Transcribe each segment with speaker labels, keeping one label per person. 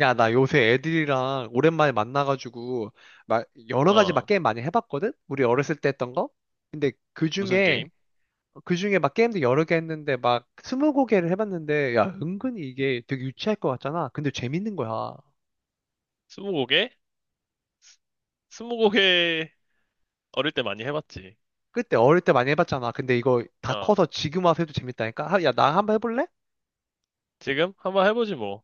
Speaker 1: 야, 나 요새 애들이랑 오랜만에 만나가지고, 막, 여러 가지 막
Speaker 2: 어,
Speaker 1: 게임 많이 해봤거든? 우리 어렸을 때 했던 거? 근데 그
Speaker 2: 무슨
Speaker 1: 중에,
Speaker 2: 게임?
Speaker 1: 그 중에 막 게임도 여러 개 했는데, 막, 스무 고개를 해봤는데, 야, 은근히 이게 되게 유치할 것 같잖아? 근데 재밌는 거야.
Speaker 2: 스무고개? 스- 스무고개 어릴 때 많이 해봤지.
Speaker 1: 그때 어릴 때 많이 해봤잖아. 근데 이거 다
Speaker 2: 어,
Speaker 1: 커서 지금 와서 해도 재밌다니까? 야, 나 한번 해볼래?
Speaker 2: 지금 한번 해보지 뭐.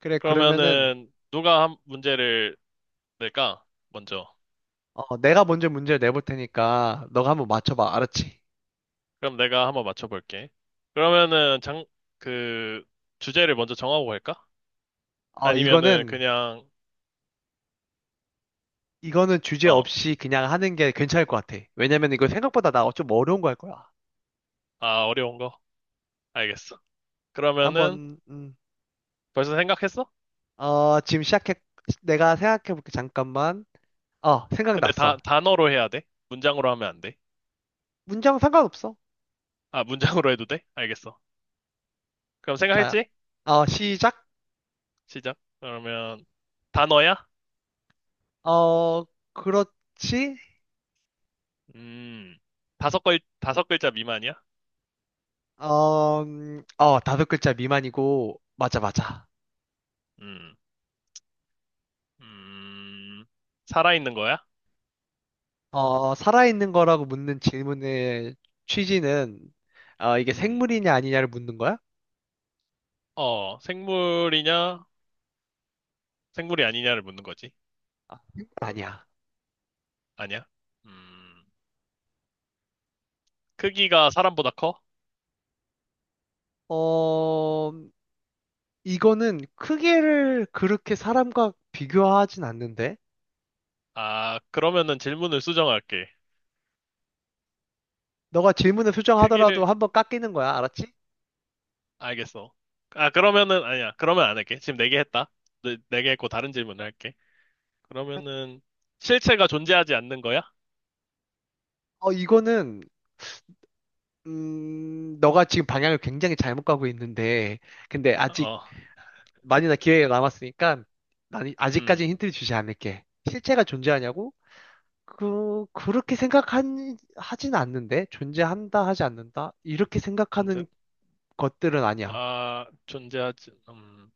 Speaker 1: 그래, 그러면은,
Speaker 2: 그러면은 누가 한 문제를 낼까? 먼저.
Speaker 1: 내가 먼저 문제를 내볼 테니까, 너가 한번 맞춰봐. 알았지?
Speaker 2: 그럼 내가 한번 맞춰볼게. 그러면은 그, 주제를 먼저 정하고 갈까?
Speaker 1: 어,
Speaker 2: 아니면은
Speaker 1: 이거는,
Speaker 2: 그냥,
Speaker 1: 이거는 주제
Speaker 2: 어,
Speaker 1: 없이 그냥 하는 게 괜찮을 것 같아. 왜냐면 이거 생각보다 나 좀 어려운 거 할 거야.
Speaker 2: 아, 어려운 거? 알겠어. 그러면은
Speaker 1: 한번, 음,
Speaker 2: 벌써 생각했어?
Speaker 1: 지금 시작해. 내가 생각해 볼게. 잠깐만.
Speaker 2: 근데
Speaker 1: 생각났어.
Speaker 2: 단어로 해야 돼? 문장으로 하면 안 돼?
Speaker 1: 문장 상관없어.
Speaker 2: 아, 문장으로 해도 돼? 알겠어. 그럼
Speaker 1: 자,
Speaker 2: 생각했지?
Speaker 1: 시작.
Speaker 2: 시작. 그러면 단어야?
Speaker 1: 어, 그렇지.
Speaker 2: 음, 다섯 글자 미만이야?
Speaker 1: 다섯 글자 미만이고, 맞아, 맞아.
Speaker 2: 음, 음, 살아있는 거야?
Speaker 1: 살아있는 거라고 묻는 질문의 취지는, 이게
Speaker 2: 음,
Speaker 1: 생물이냐 아니냐를 묻는 거야?
Speaker 2: 어, 생물이냐? 생물이 아니냐를 묻는 거지.
Speaker 1: 아니야.
Speaker 2: 아니야? 음, 크기가 사람보다 커?
Speaker 1: 어, 이거는 크기를 그렇게 사람과 비교하진 않는데?
Speaker 2: 아, 그러면은 질문을 수정할게.
Speaker 1: 너가 질문을 수정하더라도
Speaker 2: 크기를
Speaker 1: 한번 깎이는 거야, 알았지?
Speaker 2: 알겠어. 아, 그러면은 아니야. 그러면 안 할게. 지금 네 개 했다. 네, 네개 했고 다른 질문을 할게. 그러면은 실체가 존재하지 않는 거야?
Speaker 1: 어, 이거는, 너가 지금 방향을 굉장히 잘못 가고 있는데, 근데 아직
Speaker 2: 어,
Speaker 1: 많이나 기회가 남았으니까, 난 아직까지
Speaker 2: 음,
Speaker 1: 힌트를 주지 않을게. 실체가 존재하냐고? 하진 않는데? 존재한다, 하지 않는다? 이렇게
Speaker 2: 존재.
Speaker 1: 생각하는 것들은 아니야.
Speaker 2: 아, 존재하지. 음.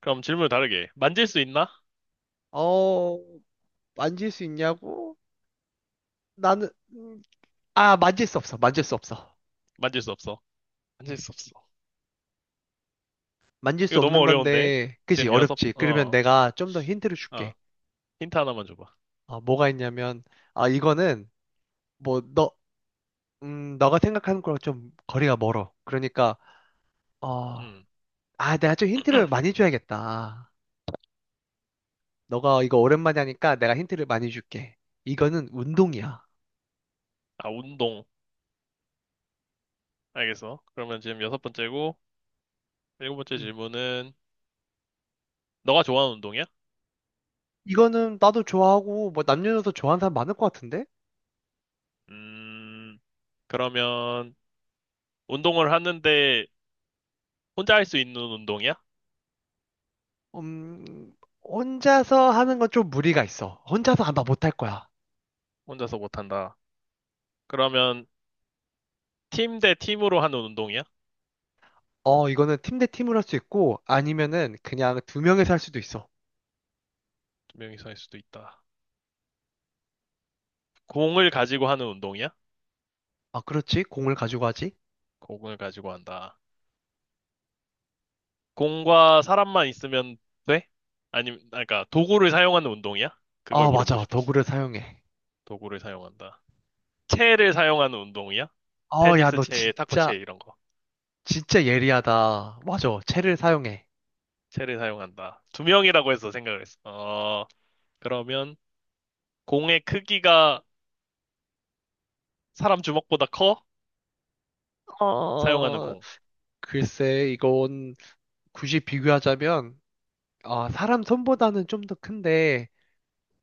Speaker 2: 그럼 질문을 다르게. 만질 수 있나?
Speaker 1: 어, 만질 수 있냐고? 나는, 만질 수 없어. 만질 수 없어.
Speaker 2: 만질 수 없어. 만질
Speaker 1: 음.
Speaker 2: 수 없어.
Speaker 1: 만질
Speaker 2: 이거
Speaker 1: 수
Speaker 2: 너무
Speaker 1: 없는
Speaker 2: 어려운데?
Speaker 1: 건데, 그지?
Speaker 2: 지금 여섯,
Speaker 1: 어렵지. 그러면 내가 좀 더 힌트를
Speaker 2: 어.
Speaker 1: 줄게.
Speaker 2: 힌트 하나만 줘봐.
Speaker 1: 아, 뭐가 있냐면, 아, 이거는, 뭐, 너, 너가 생각하는 거랑 좀 거리가 멀어. 그러니까, 어,
Speaker 2: 음.
Speaker 1: 내가 좀 힌트를 많이 줘야겠다. 너가 이거 오랜만에 하니까 내가 힌트를 많이 줄게. 이거는 운동이야.
Speaker 2: 아, 운동. 알겠어. 그러면 지금 여섯 번째고, 일곱 번째
Speaker 1: 음.
Speaker 2: 질문은, 너가 좋아하는 운동이야?
Speaker 1: 이거는 나도 좋아하고, 뭐, 남녀노소 좋아하는 사람 많을 것 같은데?
Speaker 2: 음, 그러면, 운동을 하는데, 혼자 할 수 있는 운동이야?
Speaker 1: 음, 혼자서 하는 건 좀 무리가 있어. 혼자서 아마 못할 거야.
Speaker 2: 혼자서 못한다. 그러면, 팀 대 팀으로 하는 운동이야?
Speaker 1: 어, 이거는 팀 대 팀으로 할 수 있고, 아니면은 그냥 두 명에서 할 수도 있어.
Speaker 2: 두 명이서 할 수도 있다. 공을 가지고 하는 운동이야?
Speaker 1: 아, 그렇지. 공을 가지고 하지.
Speaker 2: 공을 가지고 한다. 공과 사람만 있으면 돼? 아니면, 아, 그러니까 도구를 사용하는 운동이야? 그걸
Speaker 1: 아,
Speaker 2: 물어보고
Speaker 1: 맞아.
Speaker 2: 싶었어.
Speaker 1: 도구를 사용해.
Speaker 2: 도구를 사용한다. 채를 사용하는 운동이야?
Speaker 1: 야,
Speaker 2: 테니스
Speaker 1: 너
Speaker 2: 채, 탁구
Speaker 1: 진짜,
Speaker 2: 채 이런 거.
Speaker 1: 진짜 예리하다. 맞아. 채를 사용해.
Speaker 2: 채를 사용한다. 두 명이라고 해서 생각을 했어. 어, 그러면 공의 크기가 사람 주먹보다 커? 사용하는
Speaker 1: 어,
Speaker 2: 공.
Speaker 1: 글쎄, 이건 굳이 비교하자면, 아, 사람 손보다는 좀 더 큰데,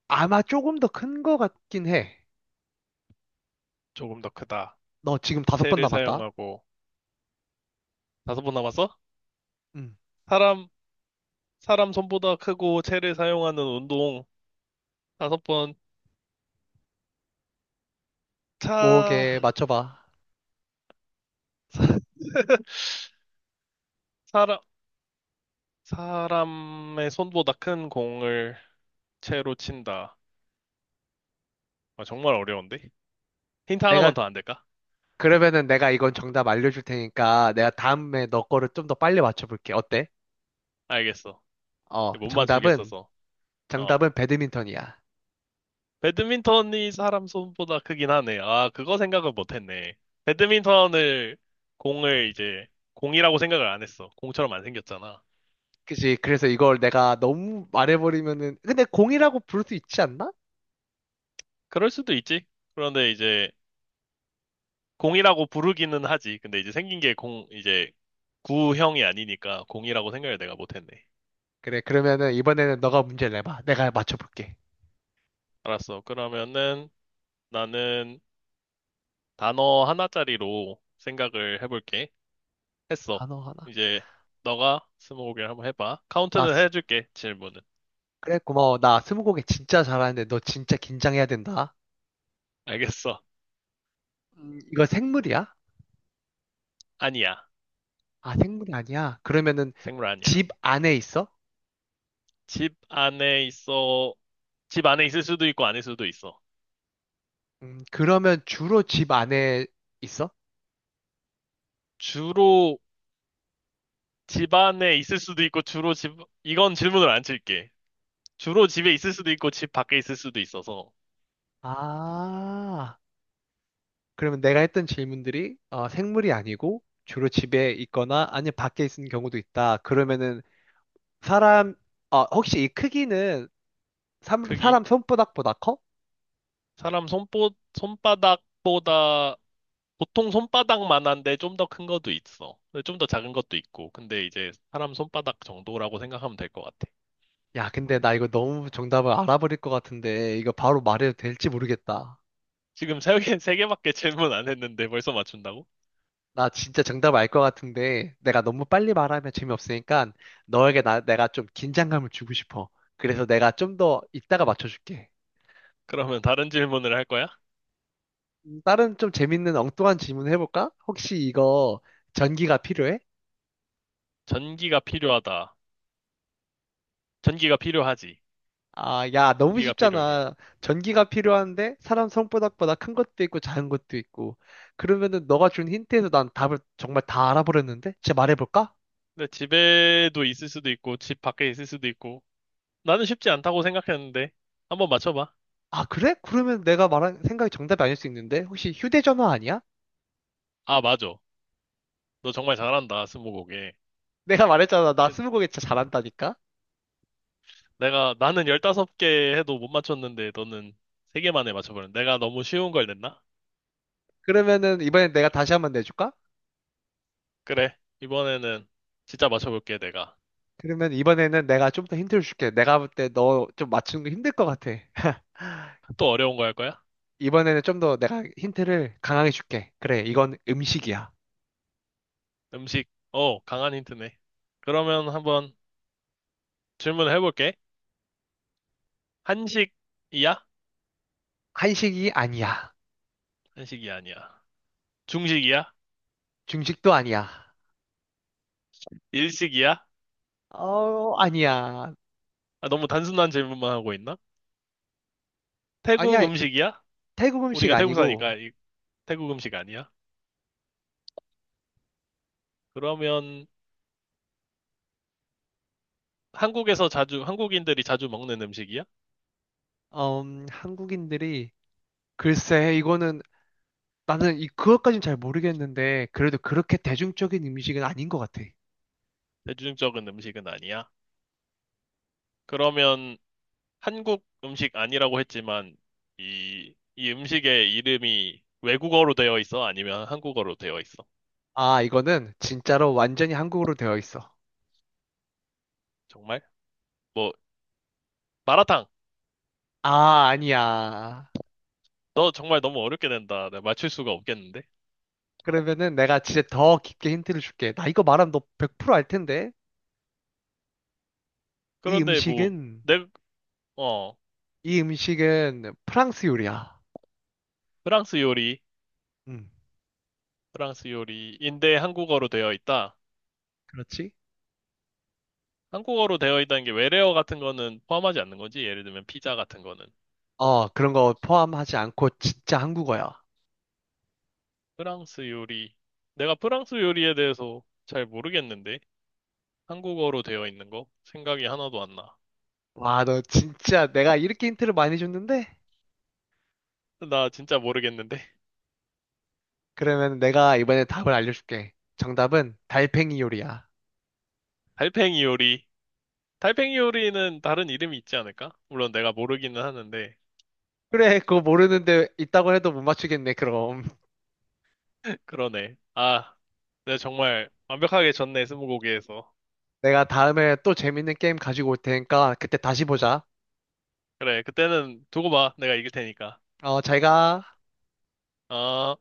Speaker 1: 아마 조금 더 큰 거 같긴 해.
Speaker 2: 조금 더 크다.
Speaker 1: 너 지금 다섯 번
Speaker 2: 채를
Speaker 1: 남았다.
Speaker 2: 사용하고 다섯 번 남았어?
Speaker 1: 응.
Speaker 2: 사람, 사람 손보다 크고 채를 사용하는 운동. 다섯 번. 차,
Speaker 1: 뭐게, 맞춰봐.
Speaker 2: 사람, 사람의 손보다 큰 공을 채로 친다. 아, 정말 어려운데? 힌트
Speaker 1: 내가
Speaker 2: 하나만 더 안 될까?
Speaker 1: 그러면은 내가 이건 정답 알려줄 테니까 내가 다음에 너 거를 좀 더 빨리 맞춰볼게. 어때?
Speaker 2: 알겠어.
Speaker 1: 어,
Speaker 2: 못
Speaker 1: 정답은,
Speaker 2: 맞추겠어서. 어.
Speaker 1: 정답은 배드민턴이야.
Speaker 2: 배드민턴이 사람 손보다 크긴 하네. 아, 그거 생각을 못 했네. 배드민턴을 공을 이제 공이라고 생각을 안 했어. 공처럼 안 생겼잖아.
Speaker 1: 그치. 그래서 이걸 내가 너무 말해버리면은, 근데 공이라고 부를 수 있지 않나?
Speaker 2: 그럴 수도 있지. 그런데 이제 공이라고 부르기는 하지. 근데 이제 생긴 게 이제 구형이 아니니까 공이라고 생각을 내가 못 했네.
Speaker 1: 그래, 그러면은 이번에는 너가 문제를 내봐. 내가 맞춰볼게.
Speaker 2: 알았어. 그러면은 나는 단어 하나짜리로 생각을 해볼게. 했어.
Speaker 1: 단어 하나.
Speaker 2: 이제 너가 스무고개를 한번 해봐.
Speaker 1: 나,
Speaker 2: 카운트는
Speaker 1: 스-
Speaker 2: 해줄게, 질문은.
Speaker 1: 그래, 고마워. 나 스무고개 진짜 잘하는데 너 진짜 긴장해야 된다.
Speaker 2: 알겠어.
Speaker 1: 이거 생물이야?
Speaker 2: 아니야.
Speaker 1: 아, 생물이 아니야. 그러면은
Speaker 2: 생물 아니야.
Speaker 1: 집 안에 있어?
Speaker 2: 집 안에 있어. 집 안에 있을 수도 있고 아닐 수도 있어.
Speaker 1: 그러면 주로 집 안에 있어?
Speaker 2: 주로 집 안에 있을 수도 있고 이건 질문을 안 칠게. 주로 집에 있을 수도 있고 집 밖에 있을 수도 있어서
Speaker 1: 아, 그러면 내가 했던 질문들이 어, 생물이 아니고 주로 집에 있거나 아니면 밖에 있는 경우도 있다. 그러면은 사람, 혹시 이 크기는
Speaker 2: 크기?
Speaker 1: 사람 손바닥보다 커?
Speaker 2: 사람 손바닥보다 보통 손바닥만한데 좀 더 큰 것도 있어. 좀 더 작은 것도 있고. 근데 이제 사람 손바닥 정도라고 생각하면 될 것 같아.
Speaker 1: 야, 근데 나 이거 너무 정답을 알아버릴 것 같은데 이거 바로 말해도 될지 모르겠다.
Speaker 2: 지금 세 개밖에 질문 안 했는데 벌써 맞춘다고?
Speaker 1: 나 진짜 정답 알 것 같은데 내가 너무 빨리 말하면 재미없으니까 너에게 내가 좀 긴장감을 주고 싶어. 그래서 내가 좀 더 이따가 맞춰줄게.
Speaker 2: 그러면 다른 질문을 할 거야?
Speaker 1: 다른 좀 재밌는 엉뚱한 질문 해볼까? 혹시 이거 전기가 필요해?
Speaker 2: 전기가 필요하다. 전기가 필요하지.
Speaker 1: 아, 야, 너무
Speaker 2: 전기가 필요해.
Speaker 1: 쉽잖아. 전기가 필요한데 사람 손바닥보다 큰 것도 있고 작은 것도 있고. 그러면은 너가 준 힌트에서 난 답을 정말 다 알아버렸는데? 제 말해볼까?
Speaker 2: 근데 집에도 있을 수도 있고, 집 밖에 있을 수도 있고. 나는 쉽지 않다고 생각했는데. 한번 맞춰봐.
Speaker 1: 아, 그래? 그러면 내가 말한 생각이 정답이 아닐 수 있는데? 혹시 휴대전화 아니야?
Speaker 2: 아, 맞아. 너 정말 잘한다, 스무고개.
Speaker 1: 내가 말했잖아. 나 스무고개 진짜 잘한다니까?
Speaker 2: 나는 15개 해도 못 맞췄는데 너는 세 개 만에 맞춰버렸네. 내가 너무 쉬운 걸 냈나?
Speaker 1: 그러면은 이번엔 내가 다시 한번 내줄까?
Speaker 2: 그래. 이번에는 진짜 맞춰볼게, 내가.
Speaker 1: 그러면 이번에는 내가 좀 더 힌트를 줄게. 내가 볼 때 너 좀 맞추는 거 힘들 것 같아.
Speaker 2: 또 어려운 거 할 거야?
Speaker 1: 이번에는 좀 더 내가 힌트를 강하게 줄게. 그래, 이건 음식이야.
Speaker 2: 음식. 어, 강한 힌트네. 그러면 한번 질문을 해볼게. 한식이야?
Speaker 1: 한식이 아니야.
Speaker 2: 한식이 아니야. 중식이야?
Speaker 1: 중식도 아니야.
Speaker 2: 일식이야?
Speaker 1: 아니야.
Speaker 2: 아, 너무 단순한 질문만 하고 있나? 태국
Speaker 1: 아니야.
Speaker 2: 음식이야?
Speaker 1: 태국 음식
Speaker 2: 우리가 태국 사니까
Speaker 1: 아니고,
Speaker 2: 태국 음식 아니야? 그러면 한국인들이 자주 먹는 음식이야?
Speaker 1: 음, 한국인들이, 글쎄, 이거는, 그것까진 잘 모르겠는데, 그래도 그렇게 대중적인 음식은 아닌 것 같아.
Speaker 2: 대중적인 음식은 아니야? 그러면 한국 음식 아니라고 했지만 이 음식의 이름이 외국어로 되어 있어? 아니면 한국어로 되어 있어?
Speaker 1: 아, 이거는 진짜로 완전히 한국으로 되어 있어.
Speaker 2: 정말? 뭐 마라탕.
Speaker 1: 아, 아니야.
Speaker 2: 너 정말 너무 어렵게 된다. 내가 맞출 수가 없겠는데.
Speaker 1: 그러면은 내가 진짜 더 깊게 힌트를 줄게. 나 이거 말하면 너 100%알 텐데? 이
Speaker 2: 그런데 뭐
Speaker 1: 음식은
Speaker 2: 내, 어,
Speaker 1: 이 음식은 프랑스 요리야.
Speaker 2: 프랑스 요리,
Speaker 1: 음.
Speaker 2: 프랑스 요리인데 한국어로 되어 있다.
Speaker 1: 그렇지?
Speaker 2: 한국어로 되어 있다는 게 외래어 같은 거는 포함하지 않는 거지. 예를 들면 피자 같은 거는.
Speaker 1: 어, 그런 거 포함하지 않고 진짜 한국어야.
Speaker 2: 프랑스 요리. 내가 프랑스 요리에 대해서 잘 모르겠는데. 한국어로 되어 있는 거? 생각이 하나도 안 나.
Speaker 1: 와, 너 진짜 내가 이렇게 힌트를 많이 줬는데?
Speaker 2: 나 진짜 모르겠는데.
Speaker 1: 그러면 내가 이번에 답을 알려줄게. 정답은 달팽이 요리야.
Speaker 2: 달팽이 요리. 달팽이 요리는 다른 이름이 있지 않을까? 물론 내가 모르기는 하는데.
Speaker 1: 그래, 그거 모르는데 있다고 해도 못 맞추겠네, 그럼.
Speaker 2: 그러네. 아, 내가 정말 완벽하게 졌네, 스무고개에서.
Speaker 1: 내가 다음에 또 재밌는 게임 가지고 올 테니까 그때 다시 보자.
Speaker 2: 그래, 그때는 두고 봐. 내가 이길 테니까.
Speaker 1: 어, 잘 가.
Speaker 2: 아.